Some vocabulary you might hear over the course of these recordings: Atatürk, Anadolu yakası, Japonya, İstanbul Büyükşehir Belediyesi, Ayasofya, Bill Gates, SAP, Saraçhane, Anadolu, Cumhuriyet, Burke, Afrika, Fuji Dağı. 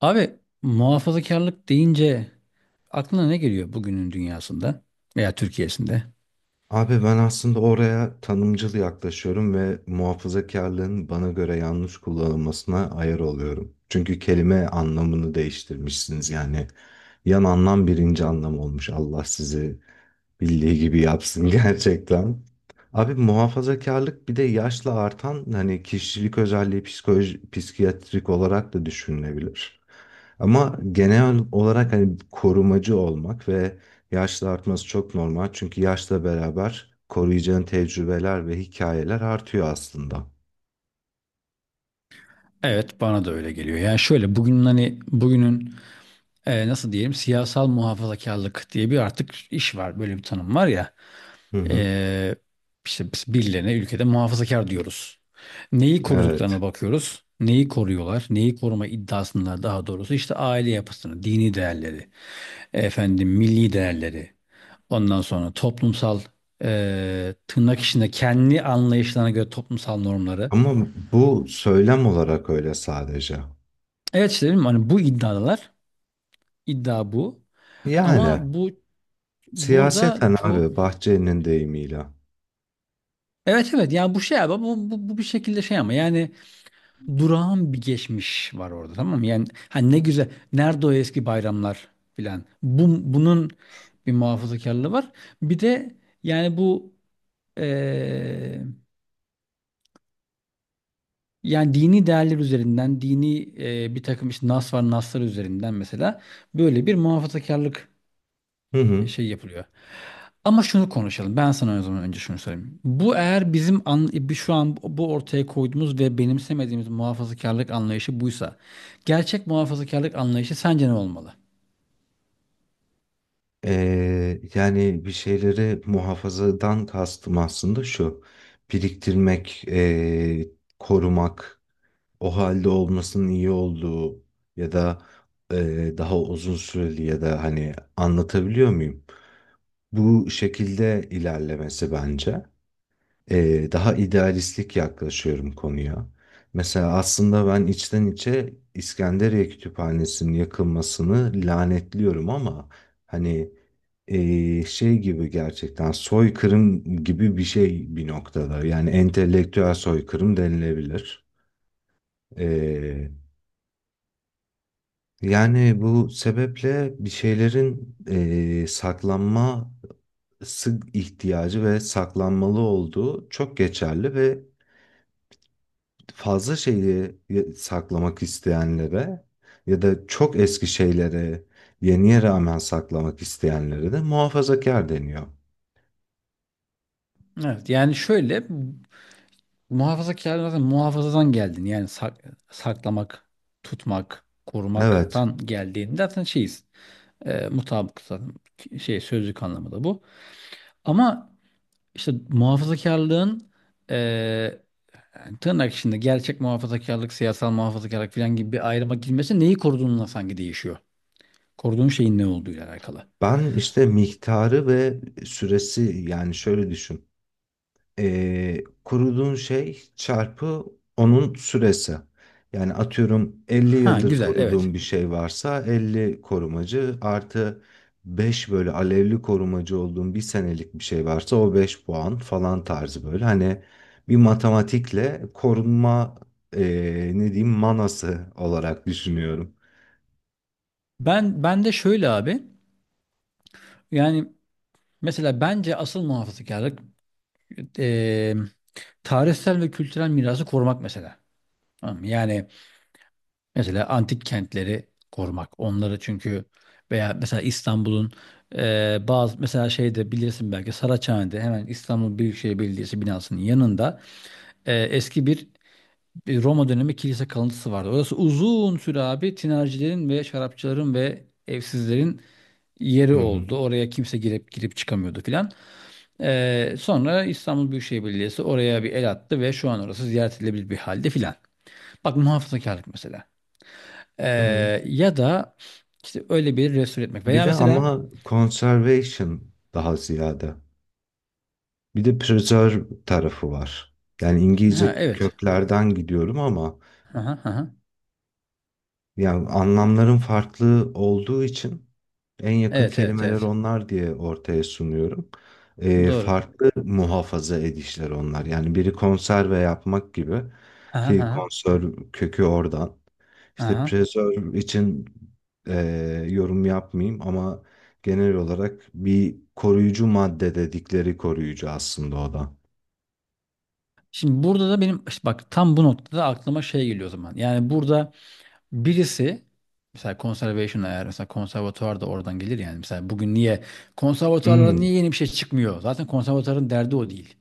Abi, muhafazakarlık deyince aklına ne geliyor bugünün dünyasında veya Türkiye'sinde? Abi ben aslında oraya tanımcıl yaklaşıyorum ve muhafazakarlığın bana göre yanlış kullanılmasına ayar oluyorum. Çünkü kelime anlamını değiştirmişsiniz yani. Yan anlam birinci anlam olmuş. Allah sizi bildiği gibi yapsın gerçekten. Abi muhafazakarlık bir de yaşla artan hani kişilik özelliği psikoloji, psikiyatrik olarak da düşünülebilir. Ama genel olarak hani korumacı olmak ve yaşla artması çok normal çünkü yaşla beraber koruyacağın tecrübeler ve hikayeler artıyor aslında. Evet, bana da öyle geliyor. Yani şöyle, hani bugünün, nasıl diyelim, siyasal muhafazakarlık diye bir artık iş var. Böyle bir tanım var ya. Hı hı. E, işte biz birilerine ülkede muhafazakar diyoruz. Neyi koruduklarına Evet. bakıyoruz. Neyi koruyorlar? Neyi koruma iddiasında, daha doğrusu işte aile yapısını, dini değerleri, efendim milli değerleri. Ondan sonra toplumsal, tırnak içinde kendi anlayışlarına göre toplumsal normları. Ama bu söylem olarak öyle sadece. Evet, işte dedim hani bu iddialar iddia bu, Yani ama bu burada siyaseten çok, abi Bahçeli'nin deyimiyle. evet, evet, yani bu şey abi, bu bir şekilde şey, ama yani durağan bir geçmiş var orada, tamam mı? Yani hani ne güzel, nerede o eski bayramlar filan, bunun bir muhafazakarlığı var, bir de yani bu. eee, Yani dini değerler üzerinden, dini, bir takım işte nas var, naslar üzerinden mesela böyle bir muhafazakarlık, Hı hı. şey yapılıyor. Ama şunu konuşalım. Ben sana o zaman önce şunu söyleyeyim. Bu, eğer bizim şu an bu ortaya koyduğumuz ve benimsemediğimiz muhafazakarlık anlayışı buysa, gerçek muhafazakarlık anlayışı sence ne olmalı? Yani bir şeyleri muhafazadan kastım aslında şu. Biriktirmek, korumak, o halde olmasının iyi olduğu ya da e, daha uzun süreli ya da hani anlatabiliyor muyum? Bu şekilde ilerlemesi bence. Daha idealistlik yaklaşıyorum konuya. Mesela aslında ben içten içe İskenderiye Kütüphanesi'nin yakılmasını lanetliyorum ama hani şey gibi gerçekten soykırım gibi bir şey bir noktada. Yani entelektüel soykırım denilebilir. E, Yani bu sebeple bir şeylerin saklanması ihtiyacı ve saklanmalı olduğu çok geçerli ve fazla şeyi saklamak isteyenlere ya da çok eski şeylere yeniye rağmen saklamak isteyenlere de muhafazakar deniyor. Evet. Yani şöyle, muhafazakarlık zaten muhafazadan geldin. Yani saklamak, tutmak, Evet, korumaktan geldiğinde zaten şeyiz. Mutabık zaten, şey, sözlük anlamı da bu. Ama işte muhafazakarlığın, e, yani tırnak içinde gerçek muhafazakarlık, siyasal muhafazakarlık falan gibi bir ayrıma girmesi neyi koruduğunla sanki değişiyor. Koruduğun şeyin ne olduğuyla alakalı. ben işte miktarı ve süresi yani şöyle düşün. Koruduğun şey çarpı onun süresi. Yani atıyorum 50 Ha yıldır güzel, evet. koruduğum bir şey varsa 50 korumacı artı 5 böyle alevli korumacı olduğum bir senelik bir şey varsa o 5 puan falan tarzı böyle. Hani bir matematikle korunma e, ne diyeyim manası olarak düşünüyorum. Ben de şöyle abi, yani mesela bence asıl muhafazakarlık, e, tarihsel ve kültürel mirası korumak mesela. Tamam mı? Yani, mesela antik kentleri korumak. Onları çünkü, veya mesela İstanbul'un, bazı, mesela şeyde, bilirsin belki, Saraçhane'de hemen İstanbul Büyükşehir Belediyesi binasının yanında, eski bir Roma dönemi kilise kalıntısı vardı. Orası uzun süre abi tinercilerin ve şarapçıların ve evsizlerin yeri Hı hı. oldu. Oraya kimse girip girip çıkamıyordu filan. Sonra İstanbul Büyükşehir Belediyesi oraya bir el attı ve şu an orası ziyaret edilebilir bir halde filan. Bak, muhafazakarlık mesela. Hı hı. Ya da işte öyle bir resul etmek. Veya Biri mesela, ama conservation daha ziyade. Bir de preserve tarafı var. Yani ha İngilizce evet. köklerden gidiyorum ama Aha, aha. yani anlamların farklı olduğu için en yakın Evet, evet, kelimeler evet. onlar diye ortaya sunuyorum. Ee, Doğru. farklı muhafaza edişler onlar. Yani biri konserve yapmak gibi Aha, ki aha, konserv kökü oradan. İşte aha. preserve için e, yorum yapmayayım ama genel olarak bir koruyucu madde dedikleri koruyucu aslında o da. Şimdi burada da benim işte bak, tam bu noktada aklıma şey geliyor o zaman. Yani burada birisi, mesela conservation, eğer, mesela konservatuvar da oradan gelir yani. Mesela bugün niye konservatuvarlara, Hmm. niye yeni bir şey çıkmıyor? Zaten konservatuvarın derdi o değil.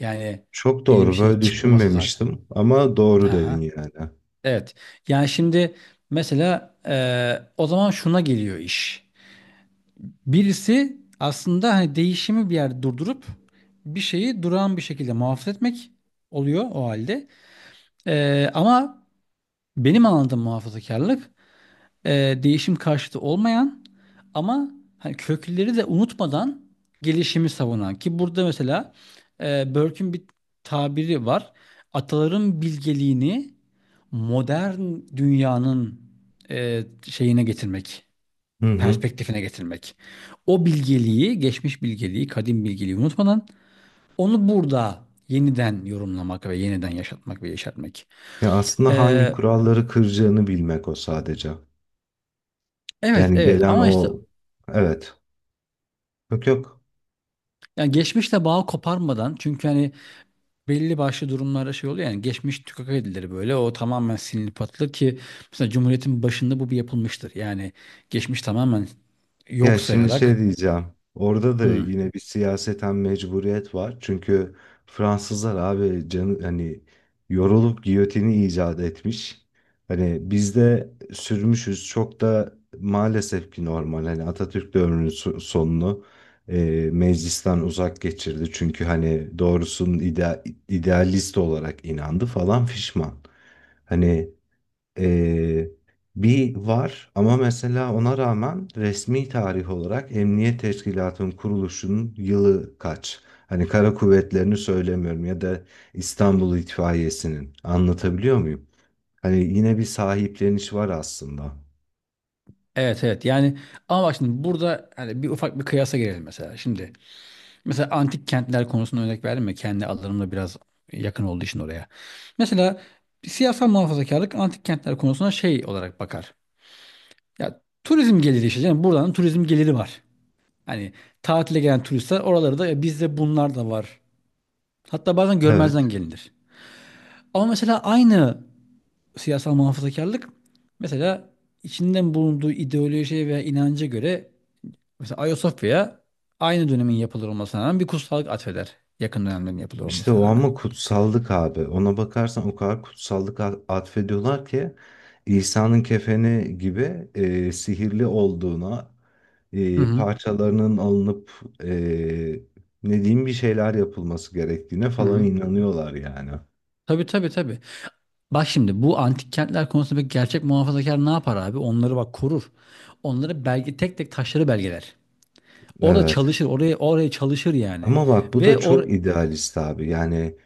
Yani Çok yeni bir doğru. şey Böyle çıkmaması zaten. düşünmemiştim ama doğru dedin Aha. yani. Evet. Yani şimdi, mesela, o zaman şuna geliyor iş. Birisi aslında hani değişimi bir yerde durdurup bir şeyi durağan bir şekilde muhafaza etmek oluyor, o halde. Ama benim anladığım muhafazakarlık, değişim karşıtı olmayan ama hani kökleri de unutmadan gelişimi savunan. Ki burada, mesela, Burke'ün bir tabiri var. Ataların bilgeliğini modern dünyanın, şeyine getirmek, Hı hı. perspektifine getirmek. O bilgeliği, geçmiş bilgeliği, kadim bilgeliği unutmadan onu burada yeniden yorumlamak ve yeniden yaşatmak ve yaşatmak. Ya aslında hangi Ee, kuralları kıracağını bilmek o sadece. evet, Yani evet, gelen ama işte o, evet. Yok yok. yani geçmişle bağ koparmadan, çünkü hani belli başlı durumlarda şey oluyor, yani geçmiş tükak edilir, böyle o tamamen silinip atılır ki, mesela Cumhuriyet'in başında bu bir yapılmıştır. Yani geçmiş tamamen Ya yok şimdi şey sayarak. diyeceğim. Orada da "Hmm, yine bir siyaseten mecburiyet var. Çünkü Fransızlar abi canı hani yorulup giyotini icat etmiş. Hani bizde sürmüşüz çok da maalesef ki normal. Hani Atatürk döneminin sonunu e, meclisten uzak geçirdi. Çünkü hani doğrusunun idealist olarak inandı falan fişman. Hani ee, bir var ama mesela ona rağmen resmi tarih olarak Emniyet Teşkilatı'nın kuruluşunun yılı kaç? Hani kara kuvvetlerini söylemiyorum ya da İstanbul İtfaiyesi'nin. Anlatabiliyor muyum? Hani yine bir sahipleniş var aslında. evet, evet, yani ama bak şimdi burada, hani bir ufak bir kıyasa girelim mesela. Şimdi, mesela, antik kentler konusunda örnek verdim ya, kendi alanımla biraz yakın olduğu için oraya. Mesela siyasal muhafazakarlık antik kentler konusuna şey olarak bakar. Ya, turizm geliri işte canım, buradan turizm geliri var. Hani tatile gelen turistler oraları da, "E, bizde bunlar da var." Hatta bazen görmezden gelinir. Ama mesela aynı siyasal muhafazakarlık, mesela içinden bulunduğu ideolojiye veya inanca göre, mesela Ayasofya'ya aynı dönemin yapılır olmasına rağmen bir kutsallık atfeder. Yakın dönemlerin yapılır İşte olmasına o rağmen. ama kutsallık abi. Ona bakarsan o kadar kutsallık atfediyorlar ki İsa'nın kefeni gibi sihirli olduğuna, Hı hı. parçalarının alınıp e, ne diyeyim bir şeyler yapılması gerektiğine Hı falan hı. inanıyorlar yani. Tabii, tabii, tabii. Bak şimdi, bu antik kentler konusunda bir gerçek muhafazakar ne yapar abi? Onları bak korur. Onları belge, tek tek taşları belgeler. Orada Evet. çalışır, oraya oraya çalışır yani. Ama bak bu da Ve or çok idealist abi. Yani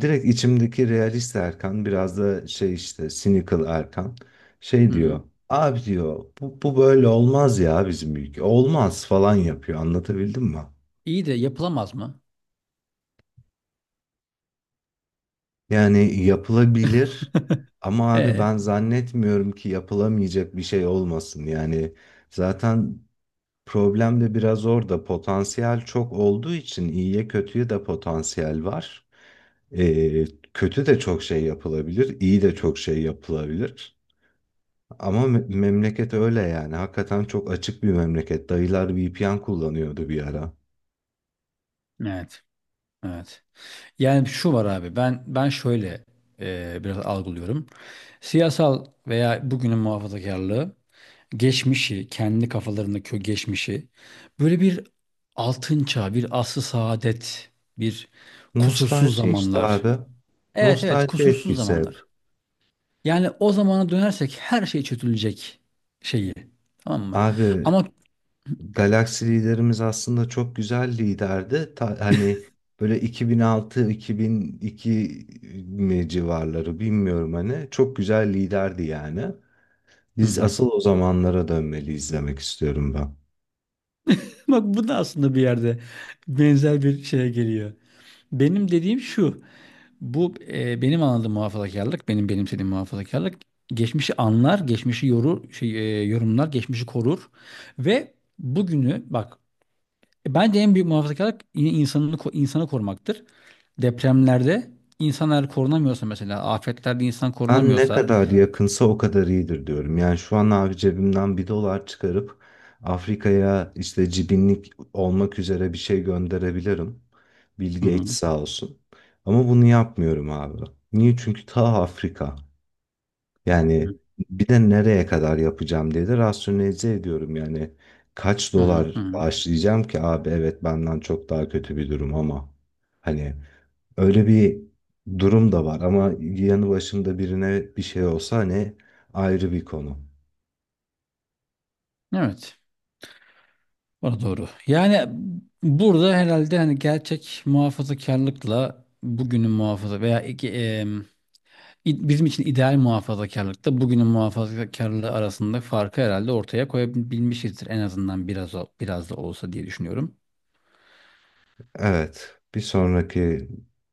Direkt içimdeki realist Erkan biraz da şey işte cynical Erkan şey diyor. Hı. Abi diyor bu böyle olmaz ya bizim ülke. Olmaz falan yapıyor anlatabildim mi? İyi de yapılamaz mı? Yani yapılabilir ama abi E. ben zannetmiyorum ki yapılamayacak bir şey olmasın. Yani zaten problem de biraz orada potansiyel çok olduğu için iyiye kötüye de potansiyel var. Ee, kötü de çok şey yapılabilir, iyi de çok şey yapılabilir. Ama memleket öyle yani. Hakikaten çok açık bir memleket. Dayılar VPN kullanıyordu bir ara. Evet. Evet. Yani şu var abi, ben şöyle, biraz algılıyorum. Siyasal veya bugünün muhafazakarlığı geçmişi, kendi kafalarındaki o geçmişi, böyle bir altın çağ, bir asr-ı saadet, bir kusursuz Nostalji işte zamanlar. abi. Evet, evet, Nostalji kusursuz etkisi hep. zamanlar. Yani o zamana dönersek her şey çözülecek şeyi. Tamam mı? Abi Ama. Galaxy liderimiz aslında çok güzel liderdi. Hani böyle 2006-2002 mi civarları bilmiyorum hani. Çok güzel liderdi yani. Hı Biz hı. asıl o zamanlara dönmeli izlemek istiyorum ben. Bak, bu da aslında bir yerde benzer bir şeye geliyor. Benim dediğim şu: bu, benim anladığım muhafazakarlık, benim benimsediğim muhafazakarlık, geçmişi anlar, geçmişi yorur, şey, yorumlar, geçmişi korur ve bugünü bak, bence en büyük muhafazakarlık yine insanını, insanı korumaktır. Depremlerde insanlar korunamıyorsa, mesela afetlerde insan Ben ne korunamıyorsa. kadar yakınsa o kadar iyidir diyorum. Yani şu an abi cebimden bir dolar çıkarıp Afrika'ya işte cibinlik olmak üzere bir şey gönderebilirim. Bill Hı hı. Gates sağ olsun. Ama bunu yapmıyorum abi. Niye? Çünkü ta Afrika. Yani Hı bir de nereye kadar yapacağım diye de rasyonelize ediyorum. Yani kaç hı. dolar Hı hı. başlayacağım ki abi evet benden çok daha kötü bir durum ama hani öyle bir durum da var ama yanı başımda birine bir şey olsa hani ayrı bir konu. Evet. O da doğru. Yani burada herhalde, hani gerçek muhafazakarlıkla bugünün muhafaza veya iki, bizim için ideal muhafazakarlıkta bugünün muhafazakarlığı arasında farkı herhalde ortaya koyabilmişizdir. En azından biraz, biraz da olsa diye düşünüyorum. Evet, bir sonraki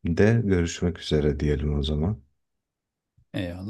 de görüşmek üzere diyelim o zaman. Eyvallah.